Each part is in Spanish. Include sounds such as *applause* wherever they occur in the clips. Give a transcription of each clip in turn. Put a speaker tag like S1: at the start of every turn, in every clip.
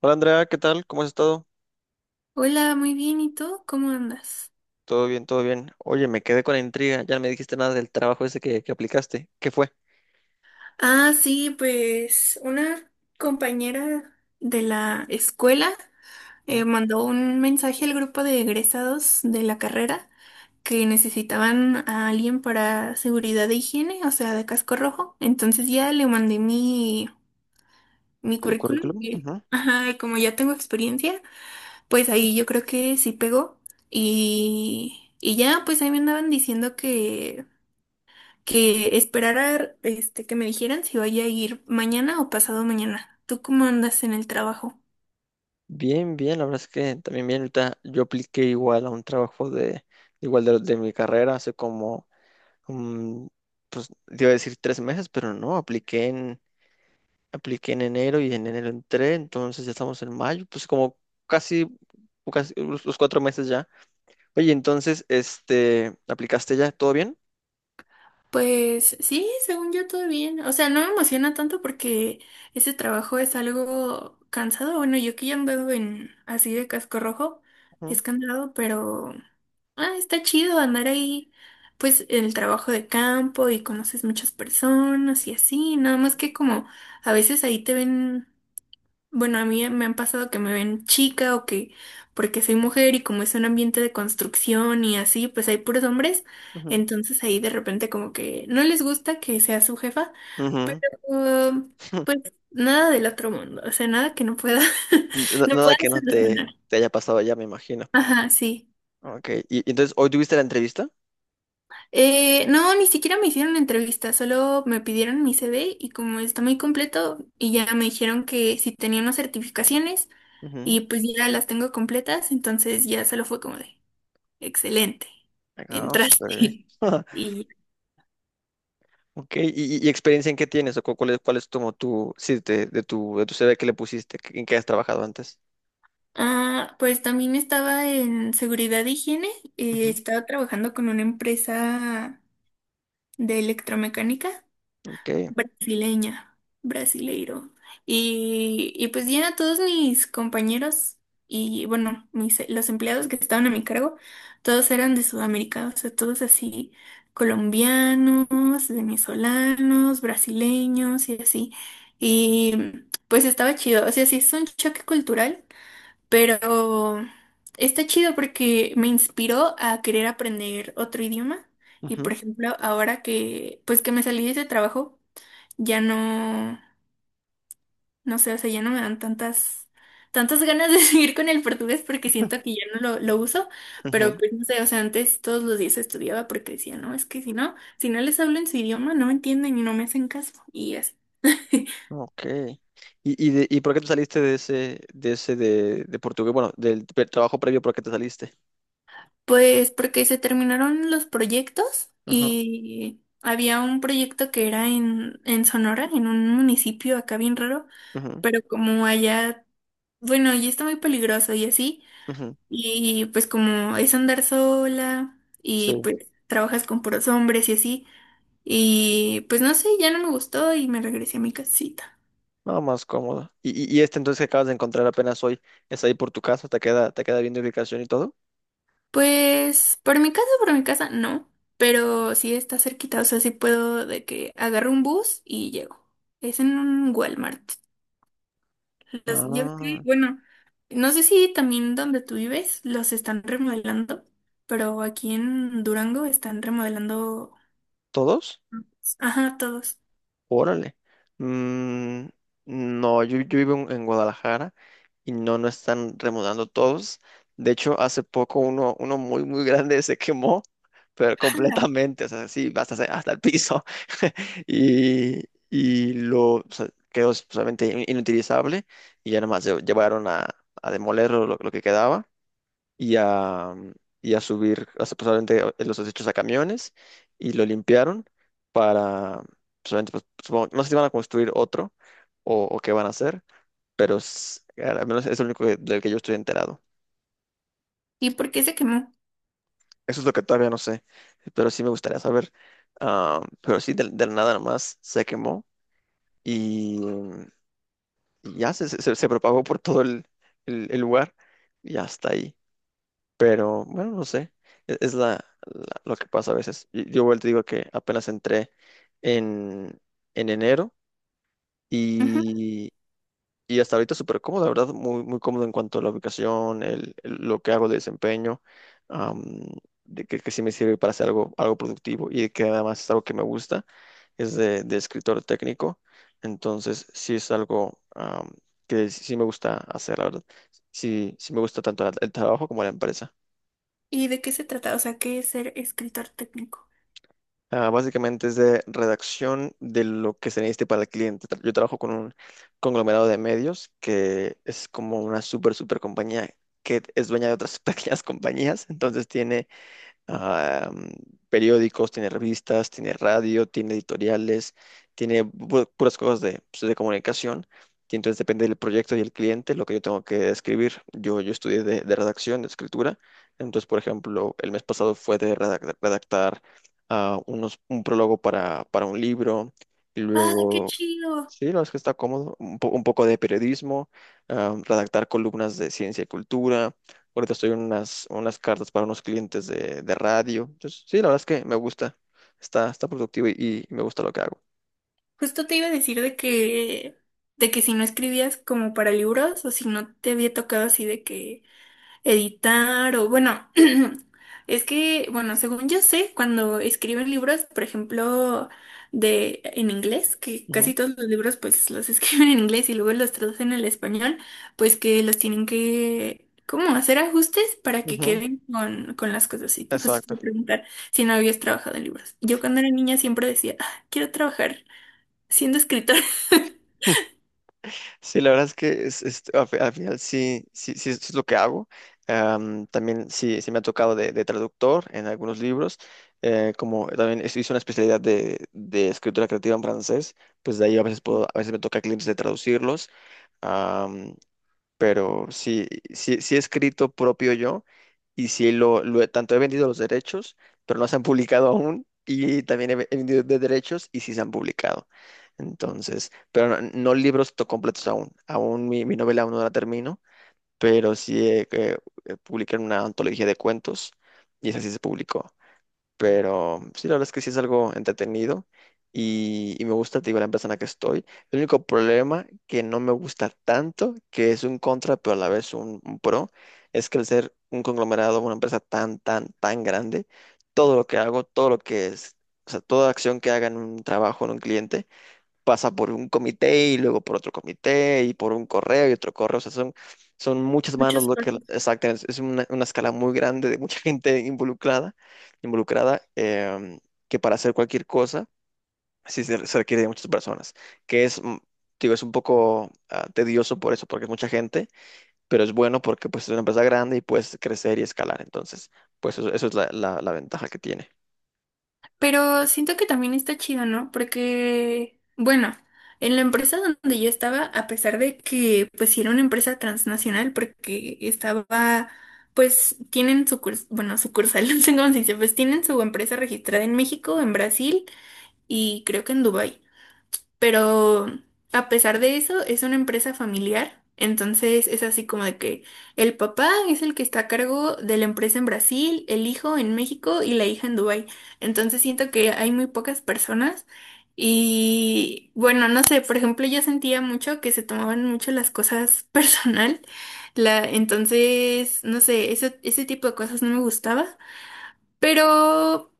S1: Hola Andrea, ¿qué tal? ¿Cómo has estado?
S2: Hola, muy bien. ¿Y tú? ¿Cómo andas?
S1: Todo bien, todo bien. Oye, me quedé con la intriga. Ya no me dijiste nada del trabajo ese que aplicaste. ¿Qué fue?
S2: Ah, sí, pues una compañera de la escuela
S1: Ah,
S2: mandó un mensaje al grupo de egresados de la carrera que necesitaban a alguien para seguridad de higiene, o sea, de casco rojo. Entonces ya le mandé mi
S1: ¿tu
S2: currículum.
S1: currículum?
S2: Y,
S1: Ujú.
S2: ajá, y como ya tengo experiencia, pues ahí yo creo que sí pegó. Y ya, pues ahí me andaban diciendo que esperara, este, que me dijeran si vaya a ir mañana o pasado mañana. ¿Tú cómo andas en el trabajo?
S1: Bien, bien. La verdad es que también bien. Ahorita yo apliqué igual a un trabajo de igual de mi carrera hace como, mm, pues te iba a decir 3 meses, pero no. Apliqué en enero y en enero entré. Entonces ya estamos en mayo. Pues como casi, casi los 4 meses ya. Oye, entonces, este, ¿aplicaste ya? ¿Todo bien?
S2: Pues sí, según yo todo bien. O sea, no me emociona tanto porque ese trabajo es algo cansado. Bueno, yo que ya ando en así de casco rojo,
S1: Ujú,
S2: es cansado, pero ah, está chido andar ahí, pues en el trabajo de campo, y conoces muchas personas y así. Nada más que como a veces ahí te ven. Bueno, a mí me han pasado que me ven chica o que porque soy mujer, y como es un ambiente de construcción y así, pues hay puros hombres,
S1: ujú.
S2: entonces ahí de repente como que no les gusta que sea su jefa, pero
S1: Ujú.
S2: um,
S1: *laughs*
S2: pues nada del otro mundo, o sea, nada que no pueda, *laughs* no
S1: Nada
S2: pueda
S1: que no te,
S2: solucionar.
S1: te haya pasado ya, me imagino.
S2: Ajá, sí.
S1: Ok, y entonces, ¿hoy tuviste la entrevista?
S2: No, ni siquiera me hicieron entrevista, solo me pidieron mi CV, y como está muy completo, y ya me dijeron que si tenía unas certificaciones.
S1: Ujú.
S2: Y pues ya las tengo completas, entonces ya solo fue como de excelente,
S1: Ah,
S2: entraste.
S1: súper bien.
S2: *laughs*
S1: *laughs*
S2: Y
S1: Ok, ¿y experiencia en qué tienes? ¿O cuál es como tu, sí, de tu CV que le pusiste, en qué has trabajado antes?
S2: ah, pues también estaba en seguridad e higiene,
S1: Ujú.
S2: estaba trabajando con una empresa de electromecánica
S1: Ok,
S2: brasileña, brasileiro. Y pues ya todos mis compañeros y bueno, mis, los empleados que estaban a mi cargo, todos eran de Sudamérica, o sea, todos así, colombianos, venezolanos, brasileños y así. Y pues estaba chido, o sea, sí es un choque cultural, pero está chido porque me inspiró a querer aprender otro idioma. Y por
S1: ujú,
S2: ejemplo, ahora que pues que me salí de ese trabajo, ya no, no sé, o sea, ya no me dan tantas, tantas ganas de *laughs* seguir con el portugués porque siento que ya no lo uso,
S1: ujú,
S2: pero pues no sé, o sea, antes todos los días estudiaba porque decía, no, es que si no, si no les hablo en su idioma, no me entienden y no me hacen caso, y así. *laughs*
S1: ok. ¿Y por qué te saliste de portugués? Bueno, del trabajo previo, ¿por qué te saliste?
S2: Pues porque se terminaron los proyectos,
S1: Ajá,
S2: y había un proyecto que era en Sonora, en un municipio acá bien raro,
S1: ujú,
S2: pero como allá, bueno, ya está muy peligroso y así.
S1: ujú,
S2: Y pues como es andar sola
S1: sí.
S2: y pues trabajas con puros hombres y así. Y pues no sé, ya no me gustó y me regresé a mi casita.
S1: No, más cómodo. ¿Y este entonces que acabas de encontrar apenas hoy es ahí por tu casa? ¿Te queda bien de ubicación y todo?
S2: Pues por mi casa, no. Pero sí está cerquita, o sea, sí puedo de que agarro un bus y llego. Es en un Walmart. Los, yo sí,
S1: Ah,
S2: bueno, no sé si también donde tú vives los están remodelando, pero aquí en Durango están remodelando,
S1: ¿todos?
S2: ajá, todos.
S1: Órale. Mm, no, yo vivo en Guadalajara y no, no están remodelando todos. De hecho, hace poco uno muy, muy grande *laughs* se quemó, pero completamente, o sea, sí, hasta el piso. *laughs* Y, y lo o sea, quedó solamente inutilizable y ya nada más llevaron a demoler lo que quedaba y a subir, o sea, pues, obviamente, los desechos a camiones y lo limpiaron para, pues, obviamente, pues, no sé si van a construir otro o qué van a hacer, pero al menos es lo único del que yo estoy enterado.
S2: ¿Y por qué se quemó?
S1: Eso es lo que todavía no sé, pero sí me gustaría saber. Ah, pero sí, del nada nomás se quemó y, y ya se propagó por todo el lugar y hasta ahí. Pero bueno, no sé, es lo que pasa a veces. Y yo vuelvo y te digo que apenas entré en, en enero
S2: Ujú.
S1: y, y hasta ahorita súper cómodo, la verdad, muy, muy cómodo en cuanto a la ubicación, lo que hago de desempeño, am, de que sí me sirve para hacer algo, productivo y que además es algo que me gusta, es de escritor técnico, entonces sí es algo, que sí sí me gusta hacer, la verdad. Sí, sí me gusta tanto el trabajo como la empresa.
S2: ¿Y de qué se trata? O sea, ¿qué es ser escritor técnico?
S1: Ah, básicamente es de redacción de lo que se necesite para el cliente. Yo trabajo con un conglomerado de medios que es como una super super compañía que es dueña de otras *laughs* pequeñas compañías, entonces tiene, ah, periódicos, tiene revistas, tiene radio, tiene editoriales, tiene puras cosas de, pues, de comunicación. Y entonces depende del proyecto y el cliente lo que yo tengo que escribir. Yo estudié de redacción, de escritura. Entonces, por ejemplo, el mes pasado fue de redactar, un prólogo para un libro y
S2: Ah, qué
S1: luego...
S2: chido.
S1: Sí, no, es que está cómodo. Un poco de periodismo, redactar columnas de ciencia y cultura. Ahorita estoy en unas, cartas para unos clientes de radio. Entonces, sí, la verdad es que me gusta. Está productivo y me gusta lo que hago.
S2: Justo te iba a decir de que si no escribías como para libros, o si no te había tocado así de que editar, o bueno, *clears throat* es que, bueno, según yo sé, cuando escriben libros, por ejemplo, de en inglés, que
S1: Ujú,
S2: casi todos los libros pues los *laughs* escriben en inglés y luego los traducen al español, pues que los tienen que como hacer ajustes para que
S1: ujú.
S2: queden con las cosas. Y justo te
S1: Exacto.
S2: preguntar si no habías trabajado en libros. Yo cuando era niña siempre decía, "Ah, quiero trabajar siendo escritora." *laughs*
S1: *laughs* Sí, la verdad es que al final sí, sí, sí, es lo que hago. También sí, sí me ha tocado de traductor en algunos libros. Como también hice una especialidad de escritura creativa en francés, pues de ahí a veces me toca clientes de traducirlos. Pero sí, sí, sí he escrito propio yo y sí tanto he vendido los derechos, pero no se han publicado aún y también he vendido de derechos y sí se han publicado. Entonces, pero no, no libros completos aún mi novela aún no la termino, pero sí publiqué una antología de cuentos y esa sí se publicó. Pero sí, la verdad es que sí es algo entretenido y me gusta, te digo, la empresa en la que estoy. El único problema que no me gusta tanto, que es un contra, pero a la vez un pro, es que al ser un conglomerado, una empresa tan, tan, tan grande, todo lo que hago, todo lo que es, o sea, toda acción que haga en un trabajo, en un cliente, pasa por un comité y luego por otro comité y por un correo y otro correo. O sea, son muchas manos
S2: Muchos.
S1: lo que exactamente es una escala muy grande de mucha *laughs* gente involucrada, involucrada, que para hacer cualquier cosa sí se requiere de muchas personas, que es, digo, es un poco, tedioso por eso, porque es mucha gente, pero es bueno porque pues es una empresa grande y puedes crecer y escalar. Entonces, pues eso es la ventaja que tiene.
S2: Pero siento que también está chido, ¿no? Porque, bueno, en la empresa donde yo estaba, a pesar de que, pues, sí era una empresa transnacional, porque estaba, pues, tienen su curs- bueno, sucursal, *laughs* no sé cómo se dice, pues, tienen su empresa registrada en México, en Brasil y creo que en Dubái. Pero a pesar de eso, es una empresa familiar. Entonces es así como de que el papá es el que está a cargo de la empresa en Brasil, el hijo en México y la hija en Dubái. Entonces siento que hay muy pocas personas, y bueno, no sé, por ejemplo, yo sentía mucho que se tomaban mucho las cosas *laughs* personal. La, entonces, no sé, ese tipo de cosas no me gustaba. Pero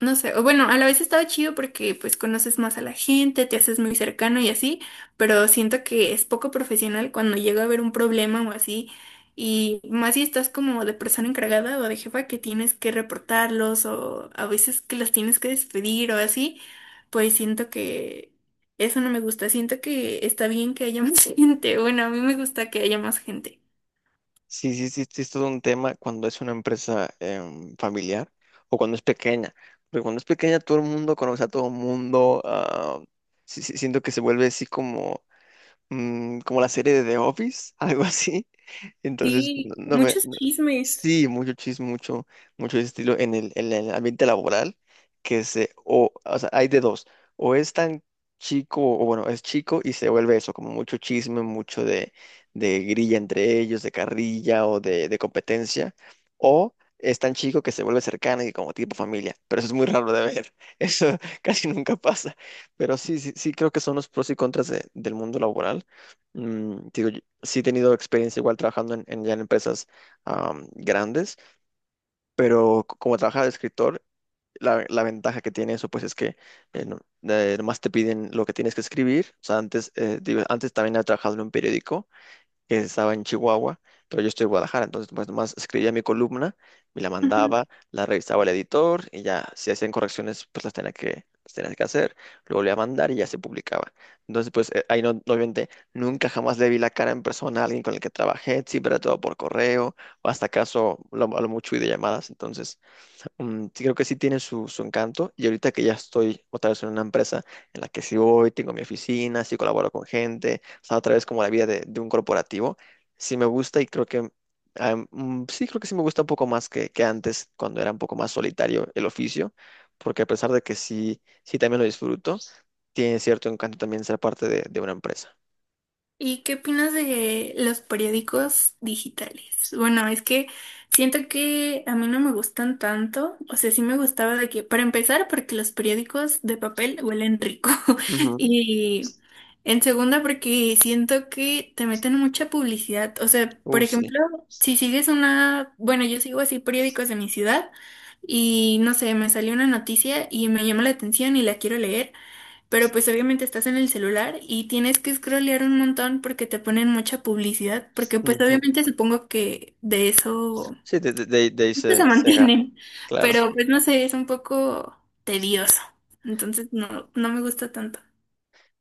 S2: no sé, o bueno, a la vez estaba chido porque pues conoces más a la gente, te haces muy cercano y así, pero siento que es poco profesional cuando llega a haber un problema o así, y más si estás como de persona encargada o de jefa, que tienes que reportarlos o a veces que los tienes que despedir o así, pues siento que eso no me gusta, siento que está bien que haya más *laughs* gente, bueno, a mí me gusta que haya más gente.
S1: Sí, sí, sí, sí, es todo un tema cuando es una empresa, familiar o cuando es pequeña. Porque cuando es pequeña todo el mundo conoce a todo el mundo. Sí, sí, siento que se vuelve así como la serie de The Office, *laughs* algo así. Entonces, no,
S2: Sí, muchos chismes.
S1: sí, mucho chisme, mucho, mucho estilo en el ambiente laboral, O sea, hay de dos. O es tan chico, o bueno, es chico y se vuelve eso, como mucho chisme, mucho de grilla entre ellos, de carrilla o de competencia. O es tan chico que se vuelve cercano y como tipo familia. Pero eso es muy raro de ver. *laughs* Eso casi nunca pasa. Pero sí, sí, sí creo que son los pros y contras del mundo laboral. Digo, yo sí he tenido experiencia igual trabajando en, ya en empresas, grandes, pero como trabajaba de escritor, la ventaja que tiene eso pues es que eh, no- nomás te piden lo que tienes que escribir. O sea, antes, digo, antes también he trabajado en un periódico que estaba en Chihuahua, pero yo estoy en Guadalajara, entonces pues nomás escribía mi columna, me la mandaba, la revisaba el editor y ya si hacían correcciones pues las tenía que hacer, lo volvía a mandar y ya se publicaba. Entonces pues, ahí no, obviamente nunca jamás le vi la cara en persona a alguien con el que trabajé, siempre era todo por correo o hasta acaso a lo mucho y de llamadas. Entonces, sí creo que sí tiene su encanto. Y ahorita que ya estoy otra vez en una empresa en la que sí voy, tengo mi oficina, sí colaboro con gente, o sea, otra vez como la vida de un corporativo, sí me gusta y creo que, sí creo que sí me gusta un poco más que antes, cuando era un poco más solitario el oficio, porque a pesar de que sí, sí también lo disfruto, tiene cierto encanto también ser parte de una empresa.
S2: ¿Y qué opinas de los periódicos digitales? Bueno, es que siento que a mí no me gustan tanto, o sea, sí me gustaba de que, para empezar, porque los periódicos de papel huelen rico *laughs*
S1: Ujú.
S2: y en segunda porque siento que te meten mucha publicidad, o sea, por
S1: Sí.
S2: ejemplo, si sigues una, bueno, yo sigo así periódicos de mi ciudad y no sé, me salió una noticia y me llama la atención y la quiero leer. Pero pues obviamente estás en el celular y tienes que scrollear un montón porque te ponen mucha publicidad, porque pues
S1: Ujú.
S2: obviamente supongo que de eso,
S1: Sí, de ahí
S2: eso
S1: se,
S2: se
S1: se gana,
S2: mantienen,
S1: claro.
S2: pero pues no sé, es un poco tedioso, entonces no, no me gusta tanto.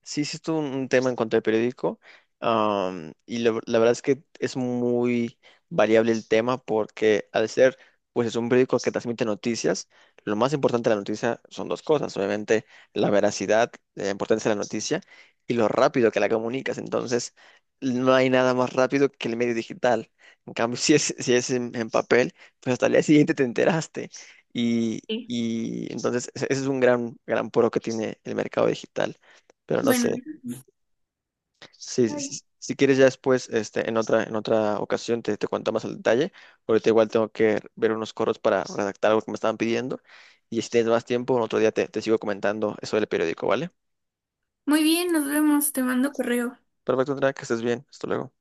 S1: Sí, sí, estuvo un tema en cuanto al periódico. Y la verdad es que es muy variable el tema porque al ser, pues es un periódico que transmite noticias, lo más importante de la noticia son dos cosas. Obviamente, la veracidad, la importancia de la noticia y lo rápido que la comunicas. Entonces, no hay nada más rápido que el medio digital. En cambio, *laughs* si es, si es en papel, pues hasta el día siguiente te enteraste. Y,
S2: Sí.
S1: y entonces, ese es un gran, gran puro que tiene el mercado digital. Pero no
S2: Bueno,
S1: sé. Sí, sí,
S2: bye.
S1: sí. Si quieres ya después, este, en otra ocasión te cuento más al detalle. Ahorita igual tengo que ver unos coros para redactar algo que me estaban pidiendo. Y si tienes más tiempo, otro día te sigo comentando eso del periódico, ¿vale?
S2: Muy bien, nos vemos, te mando correo.
S1: Perfecto, Andrea, que estés bien. Hasta luego.